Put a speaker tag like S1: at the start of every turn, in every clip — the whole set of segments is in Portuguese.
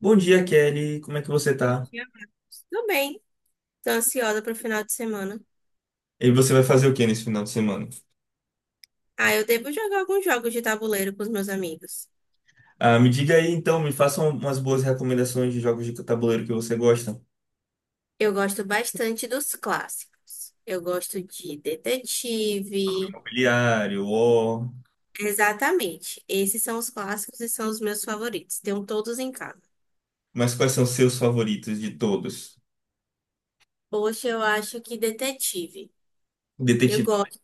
S1: Bom dia, Kelly. Como é que você
S2: Muito
S1: tá?
S2: ansiosa. Tô bem. Tô ansiosa pro final de semana.
S1: E você vai fazer o que nesse final de semana?
S2: Eu devo jogar alguns jogos de tabuleiro com os meus amigos.
S1: Ah, me diga aí, então, me faça umas boas recomendações de jogos de tabuleiro que você gosta.
S2: Eu gosto bastante dos clássicos. Eu gosto de detetive.
S1: Mobiliário, War.
S2: Exatamente. Esses são os clássicos e são os meus favoritos. Tenho todos em casa.
S1: Mas quais são os seus favoritos de todos?
S2: Poxa, eu acho que detetive. Eu
S1: Detetive,
S2: gosto.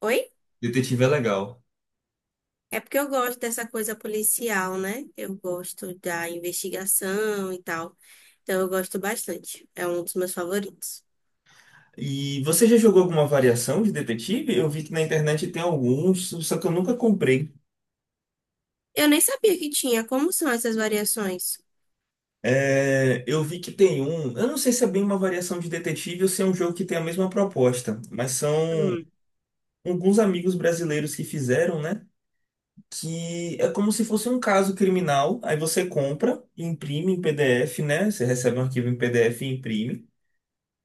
S2: Oi?
S1: detetive é legal.
S2: É porque eu gosto dessa coisa policial, né? Eu gosto da investigação e tal. Então eu gosto bastante. É um dos meus favoritos.
S1: E você já jogou alguma variação de detetive? Eu vi que na internet tem alguns, só que eu nunca comprei.
S2: Eu nem sabia que tinha. Como são essas variações?
S1: É, eu vi que tem um. Eu não sei se é bem uma variação de detetive ou se é um jogo que tem a mesma proposta, mas são
S2: Hum.
S1: alguns amigos brasileiros que fizeram, né? Que é como se fosse um caso criminal. Aí você compra, imprime em PDF, né? Você recebe um arquivo em PDF e imprime.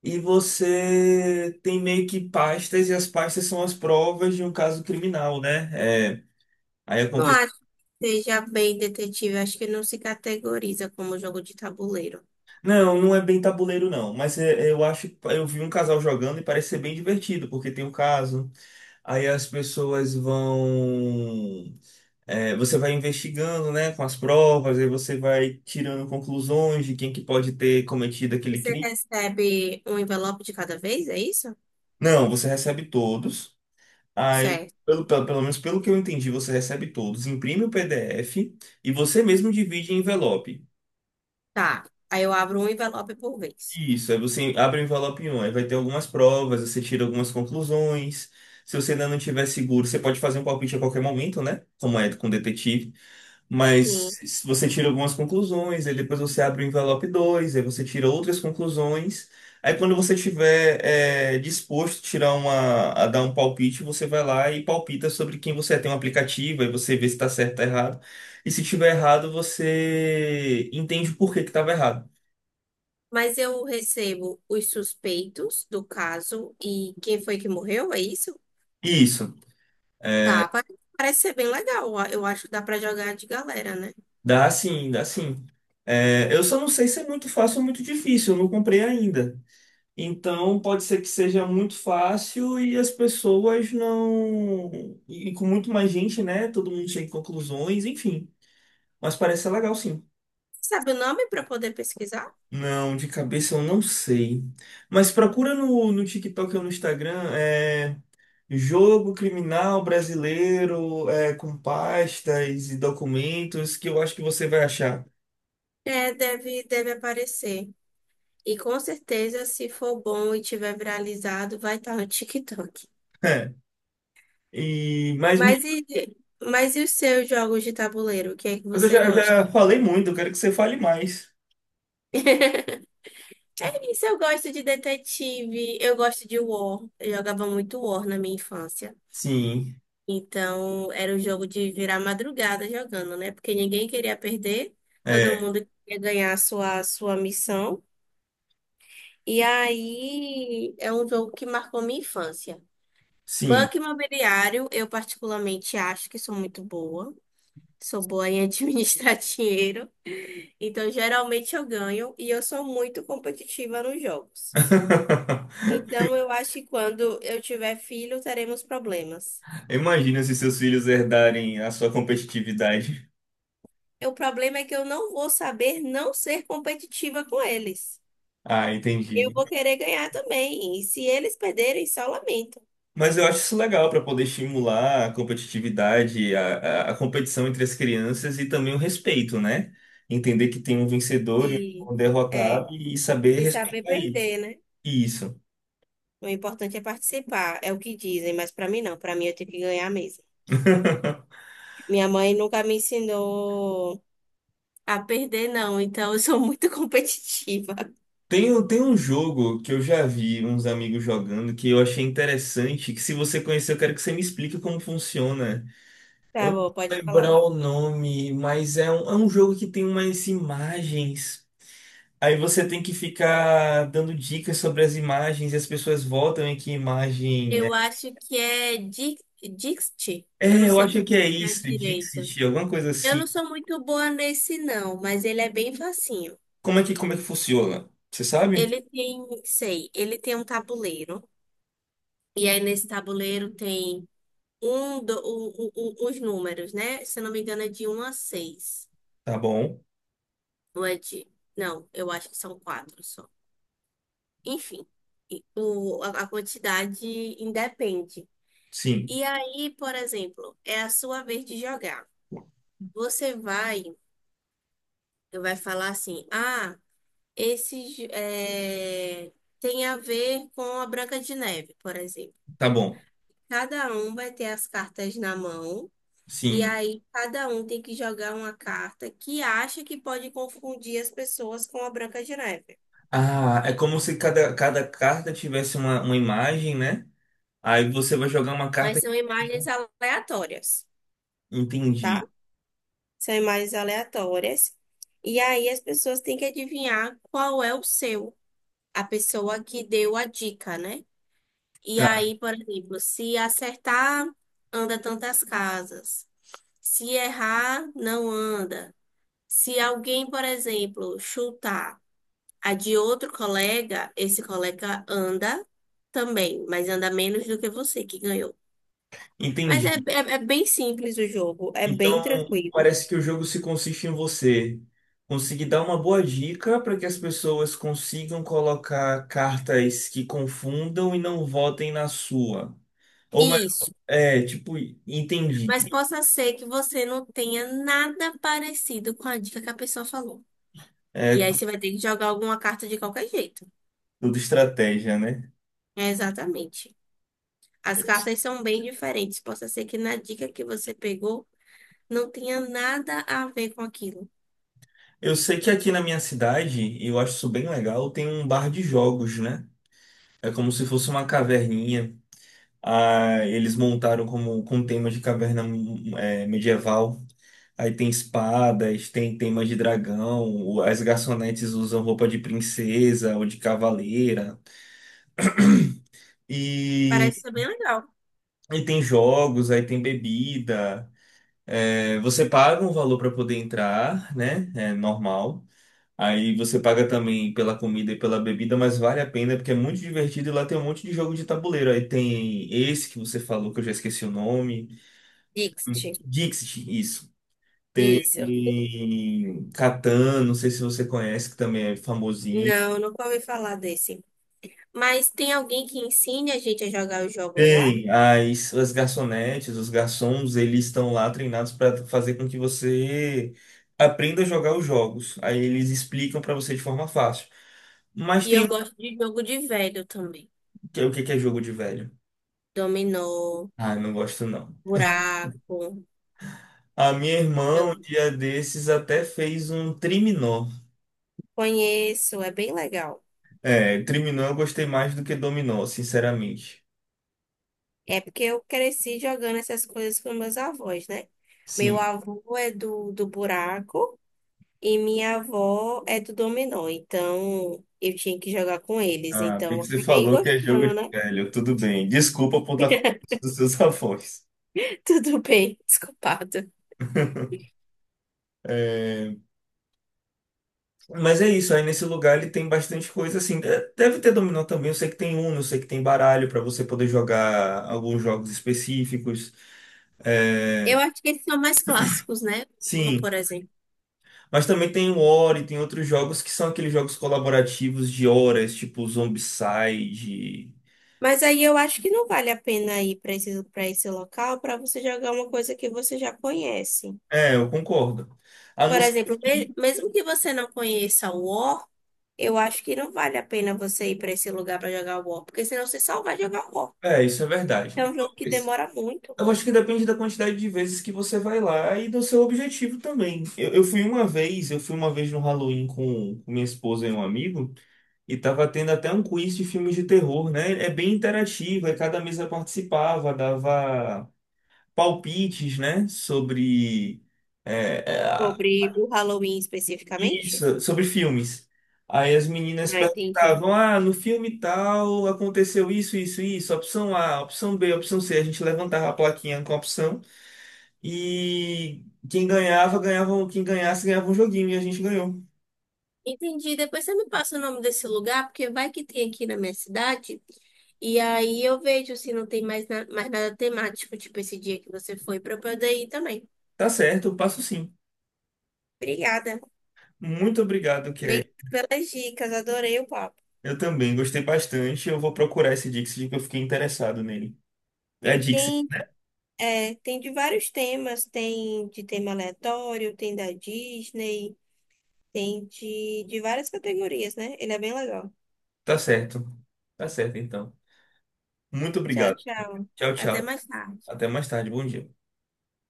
S1: E você tem meio que pastas, e as pastas são as provas de um caso criminal, né? É, aí
S2: Não
S1: acontece.
S2: acho que seja bem detetive. Acho que não se categoriza como jogo de tabuleiro.
S1: Não, não é bem tabuleiro, não. Mas eu acho. Eu vi um casal jogando e parece ser bem divertido, porque tem o caso. Aí as pessoas vão. É, você vai investigando, né, com as provas, aí você vai tirando conclusões de quem que pode ter cometido aquele
S2: Você
S1: crime.
S2: recebe um envelope de cada vez, é isso?
S1: Não, você recebe todos. Aí,
S2: Certo.
S1: pelo menos pelo que eu entendi, você recebe todos, imprime o PDF e você mesmo divide em envelope.
S2: Tá. Aí eu abro um envelope por vez.
S1: Isso, aí você abre o envelope um, aí vai ter algumas provas, você tira algumas conclusões. Se você ainda não tiver seguro, você pode fazer um palpite a qualquer momento, né? Como é com detetive. Mas
S2: Sim.
S1: se você tira algumas conclusões, aí depois você abre o envelope 2, aí você tira outras conclusões. Aí quando você tiver disposto a tirar uma, a dar um palpite, você vai lá e palpita sobre quem você é. Tem um aplicativo, aí você vê se está certo ou tá errado. E se tiver errado, você entende por que que estava errado.
S2: Mas eu recebo os suspeitos do caso e quem foi que morreu, é isso?
S1: Isso.
S2: Tá. Parece ser bem legal. Eu acho que dá pra jogar de galera, né?
S1: Dá sim, dá sim. É, eu só não sei se é muito fácil ou muito difícil, eu não comprei ainda. Então pode ser que seja muito fácil e as pessoas não. E com muito mais gente, né? Todo mundo chega em conclusões, enfim. Mas parece ser legal sim.
S2: Sabe o nome pra poder pesquisar?
S1: Não, de cabeça eu não sei. Mas procura no TikTok ou no Instagram, jogo criminal brasileiro, com pastas e documentos, que eu acho que você vai achar.
S2: É, deve aparecer. E com certeza, se for bom e tiver viralizado, vai estar no TikTok.
S1: É. E
S2: Mas e, mas e os seus jogos de tabuleiro? O que é que
S1: Mas eu
S2: você
S1: já, eu
S2: gosta?
S1: já falei muito, eu quero que você fale mais.
S2: É isso, eu gosto de detetive, eu gosto de War. Eu jogava muito War na minha infância.
S1: Sim,
S2: Então, era o jogo de virar madrugada jogando, né? Porque ninguém queria perder, todo
S1: é,
S2: mundo queria ganhar a sua missão. E aí, é um jogo que marcou minha infância.
S1: sim.
S2: Banco imobiliário, eu particularmente acho que sou muito boa. Sou boa em administrar dinheiro. Então, geralmente eu ganho e eu sou muito competitiva nos jogos. Então, eu acho que quando eu tiver filho, teremos problemas.
S1: Imagina se seus filhos herdarem a sua competitividade.
S2: E o problema é que eu não vou saber não ser competitiva com eles.
S1: Ah,
S2: Eu
S1: entendi.
S2: vou querer ganhar também. E se eles perderem, só lamento.
S1: Mas eu acho isso legal para poder estimular a competitividade, a competição entre as crianças e também o respeito, né? Entender que tem um vencedor e
S2: E
S1: um
S2: é,
S1: derrotado e saber
S2: de saber
S1: respeitar isso.
S2: perder, né?
S1: Isso.
S2: O importante é participar, é o que dizem, mas pra mim não. Pra mim eu tenho que ganhar mesmo. Minha mãe nunca me ensinou a perder, não, então eu sou muito competitiva.
S1: Tem um jogo que eu já vi uns amigos jogando que eu achei interessante, que se você conhecer, eu quero que você me explique como funciona. Eu
S2: Tá
S1: não vou
S2: bom, pode falar.
S1: lembrar o nome, mas é um jogo que tem umas imagens. Aí você tem que ficar dando dicas sobre as imagens e as pessoas votam em que imagem
S2: Eu
S1: é.
S2: acho que é di- Dixit. Eu não
S1: É, eu
S2: sei
S1: acho que é
S2: pronunciar
S1: isso,
S2: direito.
S1: Dixit, alguma coisa
S2: Eu
S1: assim.
S2: não sou muito boa nesse, não, mas ele é bem facinho.
S1: Como é que funciona? Você sabe?
S2: Ele tem um tabuleiro. E aí nesse tabuleiro tem um, do, o- os números, né? Se eu não me engano, é de um a 6.
S1: Tá bom.
S2: Ou é de. Não, eu acho que são quatro só. Enfim. A quantidade independe.
S1: Sim.
S2: E aí, por exemplo, é a sua vez de jogar. Você vai, vai falar assim: ah, esse j- é, tem a ver com a Branca de Neve, por exemplo.
S1: Tá bom.
S2: Cada um vai ter as cartas na mão, e
S1: Sim.
S2: aí cada um tem que jogar uma carta que acha que pode confundir as pessoas com a Branca de Neve.
S1: Ah, é como se cada carta tivesse uma imagem, né? Aí você vai jogar uma
S2: Mas
S1: carta que
S2: são
S1: tem.
S2: imagens
S1: Né?
S2: aleatórias, tá?
S1: Entendi.
S2: São imagens aleatórias. E aí as pessoas têm que adivinhar qual é o seu, a pessoa que deu a dica, né? E
S1: Tá,
S2: aí, por exemplo, se acertar, anda tantas casas. Se errar, não anda. Se alguém, por exemplo, chutar a de outro colega, esse colega anda também, mas anda menos do que você que ganhou. Mas
S1: entendi.
S2: é bem simples o jogo, é bem
S1: Então,
S2: tranquilo.
S1: parece que o jogo se consiste em você conseguir dar uma boa dica para que as pessoas consigam colocar cartas que confundam e não votem na sua. Ou, me-
S2: Isso.
S1: é, tipo,
S2: Mas
S1: entendi.
S2: possa ser que você não tenha nada parecido com a dica que a pessoa falou. E
S1: É
S2: aí você vai ter que jogar alguma carta de qualquer jeito.
S1: tudo estratégia, né?
S2: É, exatamente. As cartas são bem diferentes. Possa ser que na dica que você pegou não tenha nada a ver com aquilo.
S1: Eu sei que aqui na minha cidade, e eu acho isso bem legal, tem um bar de jogos, né? É como se fosse uma caverninha. Ah, eles montaram como com tema de caverna, é, medieval. Aí tem espadas, tem temas de dragão, as garçonetes usam roupa de princesa ou de cavaleira. E,
S2: Parece ser bem legal.
S1: e tem jogos, aí tem bebida. É, você paga um valor para poder entrar, né? É normal. Aí você paga também pela comida e pela bebida, mas vale a pena porque é muito divertido e lá tem um monte de jogo de tabuleiro. Aí tem esse que você falou, que eu já esqueci o nome.
S2: Dixit.
S1: Dixit, isso.
S2: Isso.
S1: Tem Catan, não sei se você conhece, que também é famosinho.
S2: Não, nunca ouvi falar desse. Mas tem alguém que ensine a gente a jogar os jogos lá?
S1: Tem as garçonetes, os garçons, eles estão lá treinados para fazer com que você aprenda a jogar os jogos. Aí eles explicam para você de forma fácil. Mas
S2: E
S1: tem
S2: eu
S1: um
S2: gosto de jogo de velho também.
S1: que é o que que é jogo de velho.
S2: Dominó,
S1: Ah, não gosto não.
S2: buraco.
S1: A minha irmã, um dia desses, até fez um triminó.
S2: Conheço, é bem legal.
S1: É, triminó eu gostei mais do que dominó, sinceramente.
S2: É porque eu cresci jogando essas coisas com meus avós, né? Meu
S1: Sim.
S2: avô é do buraco e minha avó é do dominó. Então, eu tinha que jogar com eles.
S1: Ah, a
S2: Então, eu
S1: você
S2: acabei
S1: falou que é jogo
S2: gostando,
S1: de
S2: né?
S1: velho, tudo bem. Desculpa por estar falando dos seus avós.
S2: Tudo bem, desculpado.
S1: É, mas é isso, aí nesse lugar ele tem bastante coisa assim. Deve ter dominó também, eu sei que tem Uno, eu sei que tem baralho para você poder jogar alguns jogos específicos. É.
S2: Eu acho que eles são mais clássicos, né? Uno,
S1: Sim.
S2: por exemplo.
S1: Mas também tem o Ori, tem outros jogos que são aqueles jogos colaborativos de horas, tipo Zombicide.
S2: Mas aí eu acho que não vale a pena ir para esse local para você jogar uma coisa que você já conhece.
S1: É, eu concordo. A não
S2: Por
S1: ser
S2: exemplo,
S1: que.
S2: mesmo que você não conheça o War, eu acho que não vale a pena você ir para esse lugar para jogar War, porque senão você só vai jogar War.
S1: É, isso é verdade.
S2: É um jogo que demora muito
S1: Eu acho que depende da quantidade de vezes que você vai lá e do seu objetivo também. Eu fui uma vez, eu fui uma vez no Halloween com minha esposa e um amigo, e tava tendo até um quiz de filmes de terror, né? É bem interativo, aí cada mesa participava, dava palpites, né? Sobre. É, é,
S2: sobre o Halloween especificamente.
S1: Isso, sobre filmes. Aí as meninas
S2: Ah, entendi.
S1: perguntavam: ah, no filme tal aconteceu isso, isso, isso, opção A, opção B, opção C. A gente levantava a plaquinha com a opção e quem ganhasse, ganhava um joguinho e a gente ganhou.
S2: Entendi. Depois você me passa o nome desse lugar, porque vai que tem aqui na minha cidade. E aí eu vejo se não tem mais, mais nada temático, tipo esse dia que você foi, para eu poder ir também.
S1: Tá certo, eu passo sim.
S2: Obrigada.
S1: Muito obrigado,
S2: Obrigada
S1: Kelly.
S2: pelas dicas, adorei o papo.
S1: Eu também gostei bastante. Eu vou procurar esse Dixit que eu fiquei interessado nele. É Dixit,
S2: Tem, é, tem de vários temas, tem de tema aleatório, tem da Disney. Tem de várias categorias, né? Ele é bem legal.
S1: tá certo. Tá certo, então. Muito
S2: Tchau,
S1: obrigado.
S2: tchau.
S1: Tchau,
S2: Até
S1: tchau.
S2: mais tarde.
S1: Até mais tarde. Bom dia.